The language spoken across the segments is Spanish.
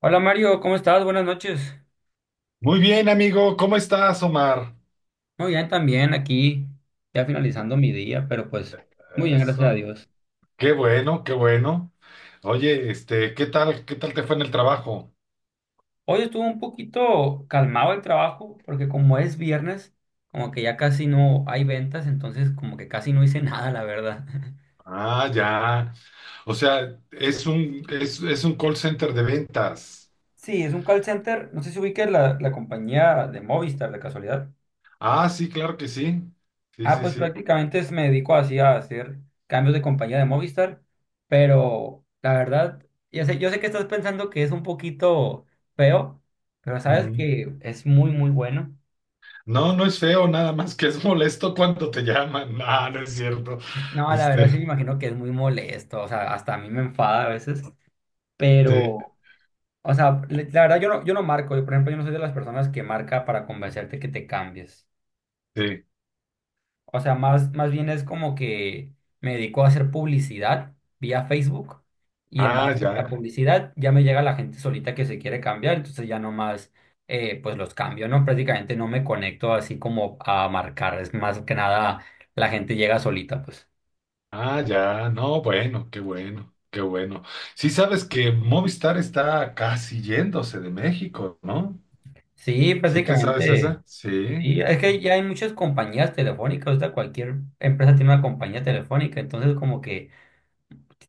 Hola Mario, ¿cómo estás? Buenas noches. Muy bien, amigo. ¿Cómo estás, Omar? Muy bien, también aquí, ya finalizando mi día, pero pues muy bien, gracias a Eso. Dios. Qué bueno, qué bueno. Oye, ¿qué tal te fue en el trabajo? Hoy estuvo un poquito calmado el trabajo, porque como es viernes, como que ya casi no hay ventas, entonces como que casi no hice nada, la verdad. Ah, ya. O sea, es un call center de ventas. Sí, es un call center, no sé si ubiques la compañía de Movistar, de casualidad. Ah, sí, claro que sí. Sí, Ah, sí, pues sí. prácticamente me dedico así a hacer cambios de compañía de Movistar, pero la verdad, yo sé que estás pensando que es un poquito feo, pero sabes Mm. que es muy, muy bueno. No, no es feo, nada más que es molesto cuando te llaman. Ah, no es cierto. No, la verdad sí me Este, imagino que es muy molesto, o sea, hasta a mí me enfada a veces, sí, pero, o sea, la verdad yo no marco, yo, por ejemplo, yo no soy de las personas que marca para convencerte que te cambies. sí. O sea, más bien es como que me dedico a hacer publicidad vía Facebook y en Ah, base a ya. la publicidad ya me llega la gente solita que se quiere cambiar, entonces ya nomás pues los cambio, ¿no? Prácticamente no me conecto así como a marcar, es más que nada la gente llega solita, pues. Ah, ya, no, bueno, qué bueno, qué bueno. ¿Sí sabes que Movistar está casi yéndose de México, no? Sí, ¿Sí te sabes prácticamente. esa? Sí. Sí es que ya hay muchas compañías telefónicas, o sea, cualquier empresa tiene una compañía telefónica, entonces como que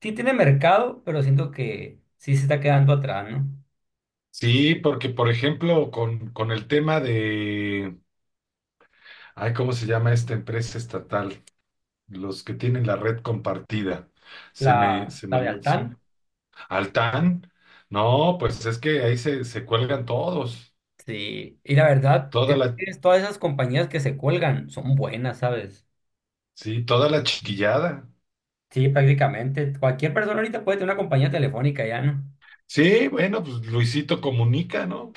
sí tiene mercado, pero siento que sí se está quedando atrás, ¿no? Sí, porque por ejemplo, con el tema de, ay, ¿cómo se llama esta empresa estatal? Los que tienen la red compartida. Se me, La, se me, la de olvidó- se- Altán. Altán. No, pues es que ahí se cuelgan todos. Sí, y la verdad Toda es la, que todas esas compañías que se cuelgan son buenas, ¿sabes? sí, toda la chiquillada. Sí, prácticamente. Cualquier persona ahorita puede tener una compañía telefónica ya, ¿no? Sí, bueno, pues Luisito comunica, ¿no?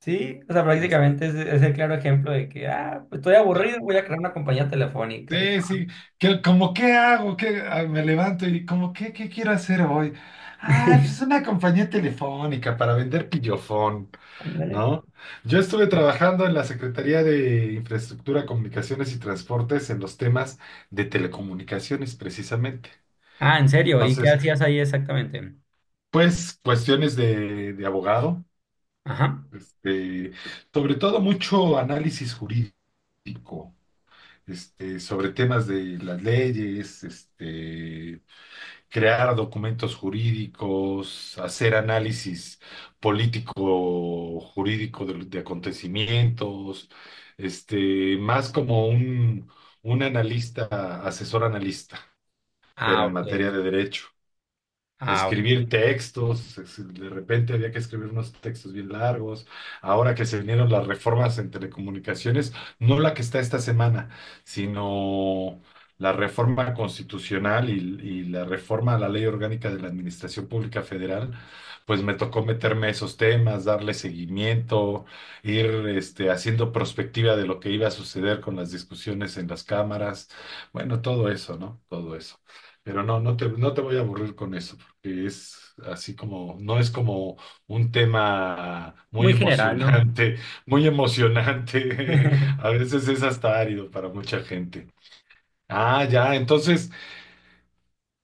Sí, o sea, prácticamente es el claro ejemplo de que, ah, pues estoy aburrido, voy Ah, a crear una compañía telefónica y sí, sí, que como qué hago, que me levanto y como qué, qué quiero hacer hoy. Ah, pues una compañía telefónica para vender pillofón, ándale. ¿no? Yo estuve trabajando en la Secretaría de Infraestructura, Comunicaciones y Transportes en los temas de telecomunicaciones, precisamente. Ah, ¿en serio? ¿Y qué Entonces, hacías ahí exactamente? pues cuestiones de abogado, Ajá. este, sobre todo mucho análisis jurídico, sobre temas de las leyes, crear documentos jurídicos, hacer análisis político jurídico de acontecimientos, más como un analista, asesor analista, pero Ah, en ok. materia de derecho Ah, ok. escribir textos, de repente había que escribir unos textos bien largos. Ahora que se vinieron las reformas en telecomunicaciones, no la que está esta semana, sino la reforma constitucional y la reforma a la Ley Orgánica de la Administración Pública Federal, pues me tocó meterme a esos temas, darle seguimiento, ir haciendo prospectiva de lo que iba a suceder con las discusiones en las cámaras, bueno, todo eso, ¿no? Todo eso. Pero no te voy a aburrir con eso, porque es así como, no es como un tema muy Muy general, ¿no? emocionante, muy emocionante. A veces es hasta árido para mucha gente. Ah, ya, entonces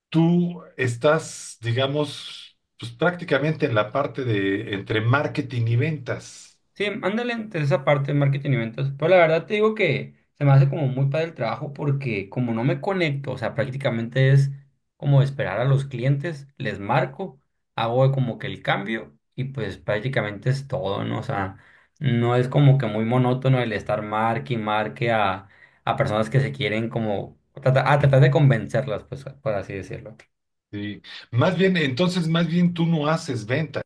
tú estás, digamos, pues prácticamente en la parte de entre marketing y ventas. Sí, ándale entre esa parte de marketing y ventas. Pero la verdad te digo que se me hace como muy padre el trabajo porque como no me conecto, o sea, prácticamente es como esperar a los clientes, les marco, hago como que el cambio y pues prácticamente es todo, ¿no? O sea, no es como que muy monótono el estar marque y marque a, personas que se quieren como a tratar de convencerlas, pues, por así decirlo. Sí. Más bien, entonces, más bien tú no haces ventas.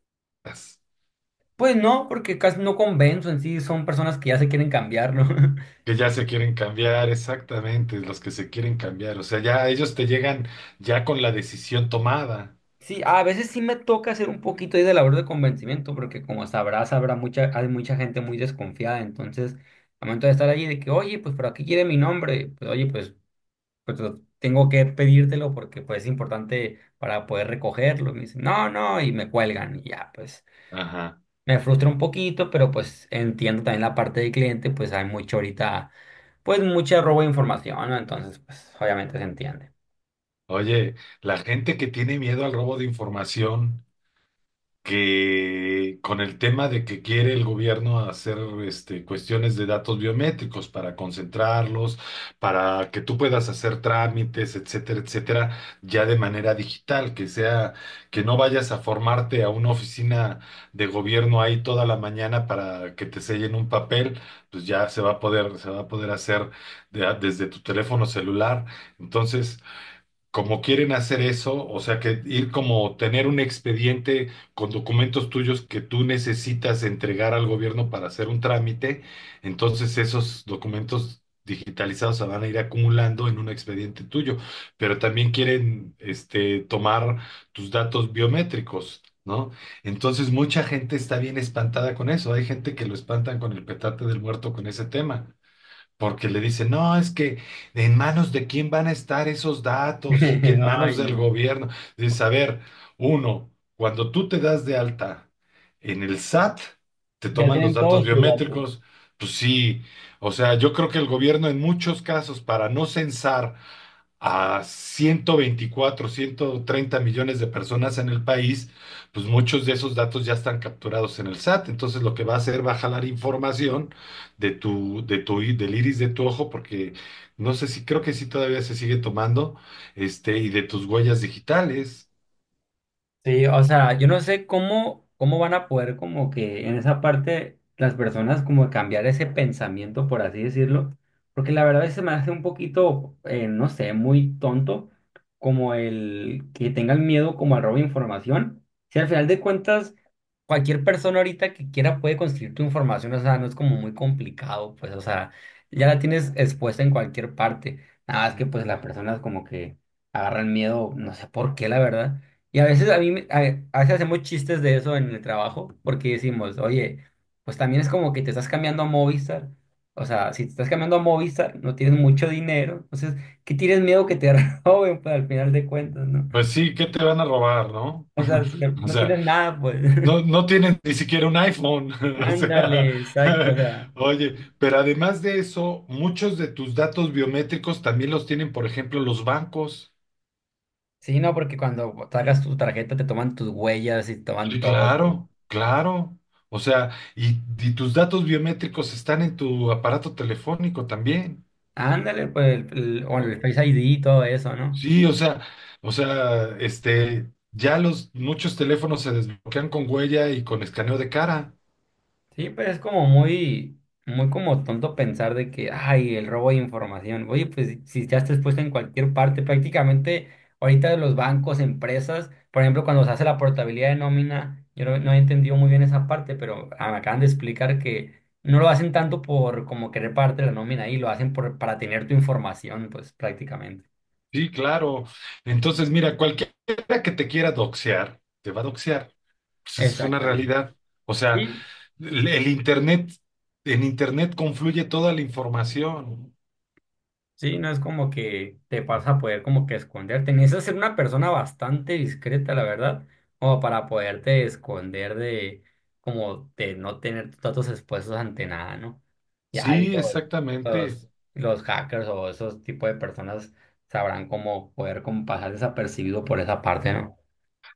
Pues no, porque casi no convenzo en sí, son personas que ya se quieren cambiarlo. Que ya se quieren cambiar, exactamente, los que se quieren cambiar. O sea, ya ellos te llegan ya con la decisión tomada. Sí, a veces sí me toca hacer un poquito ahí de labor de convencimiento, porque como sabrás, habrá mucha, hay mucha gente muy desconfiada, entonces, al momento de estar allí, de que, oye, pues, pero aquí quiere mi nombre, pues, oye, pues, pues tengo que pedírtelo porque, pues, es importante para poder recogerlo, y me dicen, no, no, y me cuelgan, y ya, pues, Ajá. me frustra un poquito, pero, pues, entiendo también la parte del cliente, pues, hay mucho ahorita, pues, mucha robo de información, ¿no? Entonces, pues, obviamente se entiende. Oye, la gente que tiene miedo al robo de información, que con el tema de que quiere el gobierno hacer cuestiones de datos biométricos para concentrarlos, para que tú puedas hacer trámites, etcétera, etcétera, ya de manera digital, que sea, que no vayas a formarte a una oficina de gobierno ahí toda la mañana para que te sellen un papel, pues ya se va a poder hacer desde tu teléfono celular. Entonces, como quieren hacer eso, o sea, que ir como tener un expediente con documentos tuyos que tú necesitas entregar al gobierno para hacer un trámite, entonces esos documentos digitalizados se van a ir acumulando en un expediente tuyo, pero también quieren tomar tus datos biométricos, ¿no? Entonces mucha gente está bien espantada con eso. Hay gente que lo espantan con el petate del muerto con ese tema porque le dicen, no, es que en manos de quién van a estar esos datos, y que en Ay, manos del no. gobierno. Dices, a ver, uno, cuando tú te das de alta en el SAT, te Ya toman los tienen datos todos tus datos. biométricos, pues sí, o sea, yo creo que el gobierno en muchos casos, para no censar a 124 130 millones de personas en el país, pues muchos de esos datos ya están capturados en el SAT. Entonces lo que va a hacer va a jalar información del iris de tu ojo, porque no sé si, creo que sí todavía se sigue tomando, y de tus huellas digitales. Sí, o sea, yo no sé cómo van a poder como que en esa parte las personas como cambiar ese pensamiento, por así decirlo, porque la verdad se me hace un poquito, no sé, muy tonto como el que tengan miedo como al robo de información. Si al final de cuentas cualquier persona ahorita que quiera puede conseguir tu información, o sea, no es como muy complicado, pues, o sea, ya la tienes expuesta en cualquier parte. Nada más que pues las personas como que agarran miedo, no sé por qué, la verdad. Y a veces a mí, a, veces hacemos chistes de eso en el trabajo, porque decimos, oye, pues también es como que te estás cambiando a Movistar. O sea, si te estás cambiando a Movistar, no tienes mucho dinero. Entonces, ¿qué tienes miedo que te roben? Pues al final de cuentas, ¿no? Pues sí, ¿qué te van a robar, no? O sea, si no O no sea, tienes nada, pues. No, no tienen ni siquiera un iPhone, o sea, Ándale, exacto. O sea, oye, pero además de eso, muchos de tus datos biométricos también los tienen, por ejemplo, los bancos. sí, no, porque cuando sacas tu tarjeta te toman tus huellas y te toman Sí, todo, pues. claro, claro. O sea, y tus datos biométricos están en tu aparato telefónico también. Ándale, pues, el- o el O- Face ID y todo eso, ¿no? Sí, o sea, ya los muchos teléfonos se desbloquean con huella y con escaneo de cara. Sí, pero es como muy, muy como tonto pensar de que, ay, el robo de información. Oye, pues si ya está expuesto en cualquier parte, prácticamente ahorita los bancos, empresas, por ejemplo, cuando se hace la portabilidad de nómina, yo no he entendido muy bien esa parte, pero ah, me acaban de explicar que no lo hacen tanto por como querer pagarte la nómina ahí, lo hacen por, para tener tu información, pues prácticamente. Sí, claro. Entonces, mira, cualquiera que te quiera doxear, te va a doxear. Pues es una Exactamente. realidad. O sea, Sí, el internet, en internet confluye toda la información. Sí, no es como que te vas a poder como que esconderte. Necesitas ser una persona bastante discreta, la verdad, como para poderte esconder de, como de no tener tus datos expuestos ante nada, ¿no? Ya ahí Sí, los, exactamente. los, los hackers o esos tipos de personas sabrán cómo poder como pasar desapercibido por esa parte, ¿no?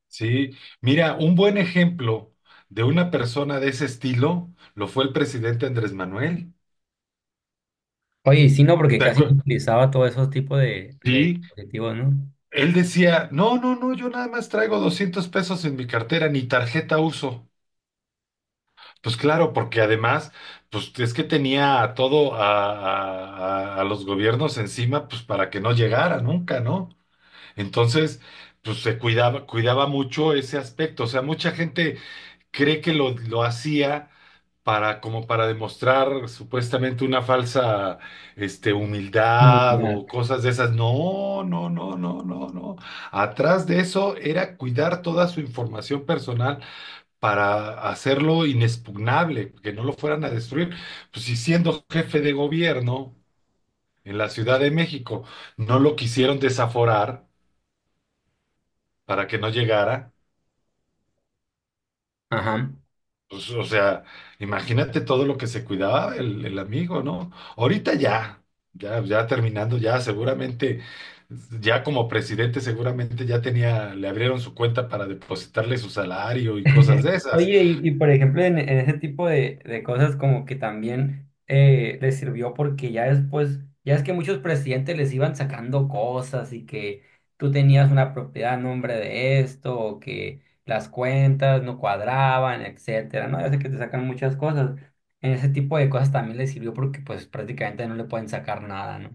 Sí. Mira, un buen ejemplo de una persona de ese estilo lo fue el presidente Andrés Manuel. Oye, y sí, no, porque ¿Te casi acuer- no utilizaba todos esos tipos de Sí. dispositivos, ¿no? Él decía, no, no, no, yo nada más traigo 200 pesos en mi cartera, ni tarjeta uso. Pues claro, porque además, pues es que tenía a todo a los gobiernos encima, pues para que no llegara nunca, ¿no? Entonces, pues cuidaba mucho ese aspecto. O sea, mucha gente cree que lo hacía para, como para demostrar supuestamente una falsa, Mm, humildad ya. o cosas de esas. No, no, no, no, no, no. Atrás de eso era cuidar toda su información personal para hacerlo inexpugnable, que no lo fueran a destruir. Pues si siendo jefe de gobierno en la Ciudad de México no lo quisieron desaforar para que no llegara, Ajá. pues o sea, imagínate todo lo que se cuidaba el amigo, ¿no? Ahorita ya terminando, ya seguramente, ya como presidente seguramente ya tenía, le abrieron su cuenta para depositarle su salario y cosas de esas. Oye, y, por ejemplo, en, ese tipo de cosas como que también les sirvió porque ya después, ya es que muchos presidentes les iban sacando cosas y que tú tenías una propiedad a nombre de esto, o que las cuentas no cuadraban, etcétera, ¿no? Ya sé que te sacan muchas cosas. En ese tipo de cosas también les sirvió porque pues prácticamente no le pueden sacar nada, ¿no?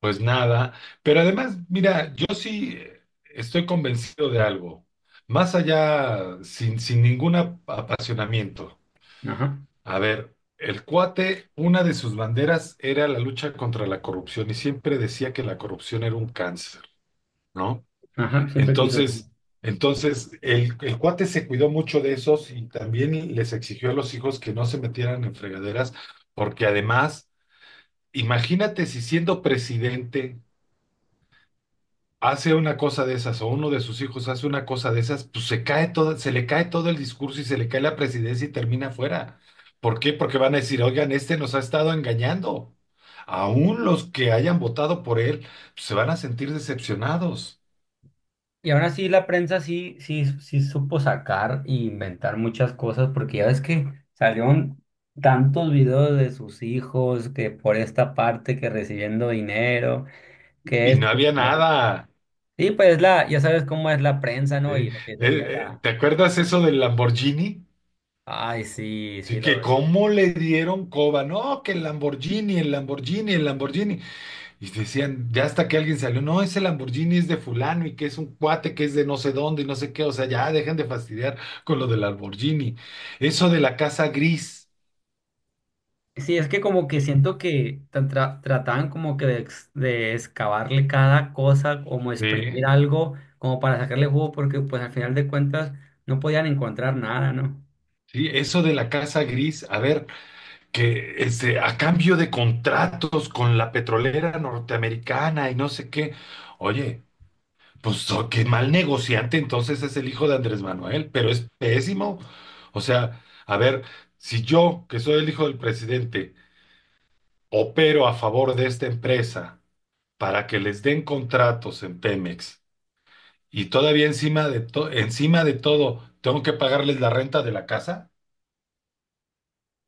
Pues nada, pero además, mira, yo sí estoy convencido de algo, más allá, sin ningún apasionamiento. Ajá, A ver, el cuate, una de sus banderas era la lucha contra la corrupción y siempre decía que la corrupción era un cáncer, ¿no? ajá, siempre quiso. Entonces, entonces el cuate se cuidó mucho de esos y también les exigió a los hijos que no se metieran en fregaderas, porque además, imagínate si siendo presidente hace una cosa de esas, o uno de sus hijos hace una cosa de esas, pues se cae todo, se le cae todo el discurso y se le cae la presidencia y termina fuera. ¿Por qué? Porque van a decir, oigan, este nos ha estado engañando. Aún los que hayan votado por él, pues, se van a sentir decepcionados. Y aún así la prensa sí, sí, sí supo sacar e inventar muchas cosas, porque ya ves que salieron tantos videos de sus hijos, que por esta parte, que recibiendo dinero, que Y no esto, y había otro. nada. Sí, pues ya sabes cómo es la prensa, ¿Sí? ¿no? Y lo que sería la. ¿te acuerdas eso del Lamborghini? Ay, sí, Sí, sí, lo. que cómo le dieron coba, no, que el Lamborghini, el Lamborghini, el Lamborghini. Y decían, ya hasta que alguien salió, no, ese Lamborghini es de fulano y que es un cuate que es de no sé dónde y no sé qué, o sea, ya dejen de fastidiar con lo del Lamborghini. Eso de la casa gris, Sí, es que como que siento que trataban como que de excavarle cada cosa, como sí, exprimir algo, como para sacarle jugo, porque pues al final de cuentas no podían encontrar nada, ¿no? sí, eso de la casa gris, a ver, que a cambio de contratos con la petrolera norteamericana y no sé qué, oye, pues oh, qué mal negociante entonces es el hijo de Andrés Manuel, pero es pésimo. O sea, a ver, si yo, que soy el hijo del presidente, opero a favor de esta empresa para que les den contratos en Pemex y todavía encima de todo tengo que pagarles la renta de la casa.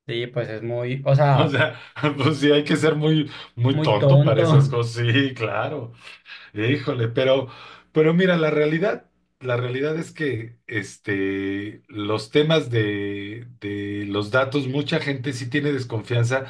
Sí, pues es muy, o O sea, sea, pues sí hay que ser muy muy muy tonto para esas tonto. cosas. Sí, claro. Híjole, pero mira, la realidad la realidad es que los temas de los datos, mucha gente sí tiene desconfianza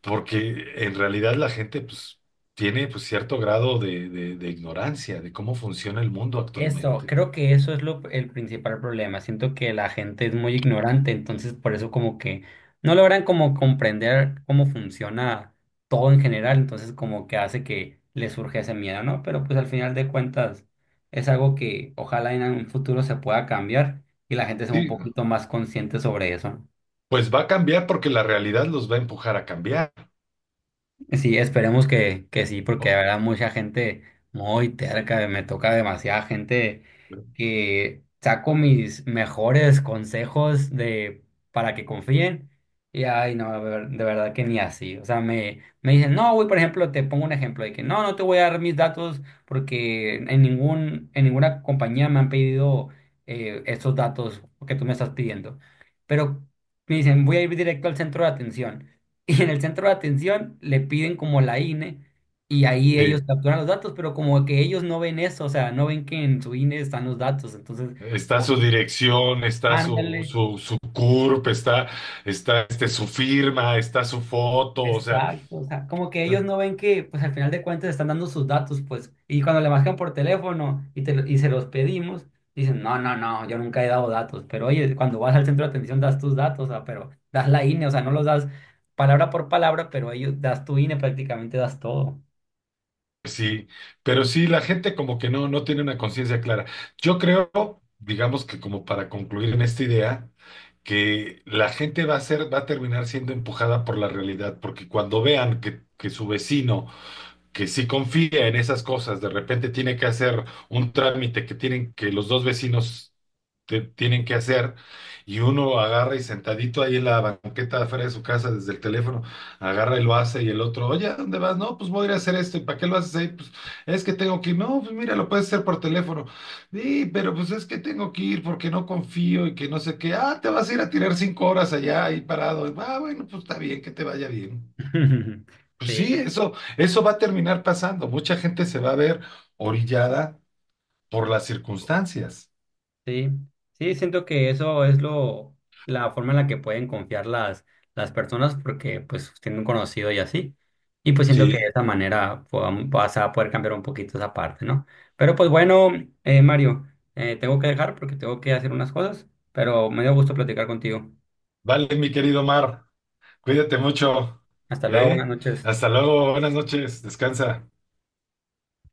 porque en realidad la gente pues, tiene pues, cierto grado de ignorancia de cómo funciona el mundo Eso, actualmente. creo que eso es el principal problema. Siento que la gente es muy ignorante, entonces por eso como que no logran como comprender cómo funciona todo en general, entonces como que hace que les surge ese miedo, ¿no? Pero pues al final de cuentas es algo que ojalá en un futuro se pueda cambiar y la gente sea un Sí, poquito más consciente sobre eso, ¿no? pues va a cambiar porque la realidad los va a empujar a cambiar. Sí, esperemos que, sí, porque O- habrá mucha gente muy terca, me toca demasiada gente que saco mis mejores consejos de para que confíen y ay no, de de verdad que ni así. O sea, me dicen, no, güey, por ejemplo, te pongo un ejemplo de que no, no te voy a dar mis datos porque en ninguna compañía me han pedido estos datos que tú me estás pidiendo. Pero me dicen, voy a ir directo al centro de atención y en el centro de atención le piden como la INE y ahí ellos Sí. capturan los datos, pero como que ellos no ven eso, o sea, no ven que en su INE están los datos, entonces, Está como su que, dirección, está su, ándale, su CURP, está su firma, está su foto, o sea. exacto, o sea, como que ellos no ven que, pues al final de cuentas están dando sus datos, pues, y cuando le marcan por teléfono y se los pedimos, dicen, no, no, no, yo nunca he dado datos, pero oye, cuando vas al centro de atención das tus datos, o sea, pero das la INE, o sea, no los das palabra por palabra, pero ellos das tu INE, prácticamente das todo. Sí, pero sí, la gente como que no, no tiene una conciencia clara. Yo creo, digamos que como para concluir en esta idea, que la gente va a terminar siendo empujada por la realidad, porque cuando vean que su vecino que sí confía en esas cosas, de repente tiene que hacer un trámite que tienen que los dos vecinos tienen que hacer y uno agarra y sentadito ahí en la banqueta de afuera de su casa desde el teléfono, agarra y lo hace y el otro, oye, ¿a dónde vas? No, pues voy a ir a hacer esto, ¿y para qué lo haces ahí? Pues es que tengo que ir, no, pues mira, lo puedes hacer por teléfono, sí, pero pues es que tengo que ir porque no confío y que no sé qué, ah, te vas a ir a tirar 5 horas allá ahí parado, ah, bueno, pues está bien, que te vaya bien. Pues sí, Sí. eso va a terminar pasando. Mucha gente se va a ver orillada por las circunstancias. Sí, sí, siento que eso es la forma en la que pueden confiar las, personas porque pues tienen un conocido y así. Y pues siento que de Sí. esa manera vas a poder cambiar un poquito esa parte, ¿no? Pero pues bueno, Mario, tengo que dejar porque tengo que hacer unas cosas, pero me dio gusto platicar contigo. Vale, mi querido Mar, cuídate mucho, Hasta luego, buenas ¿eh? noches. Hasta luego, buenas noches, descansa.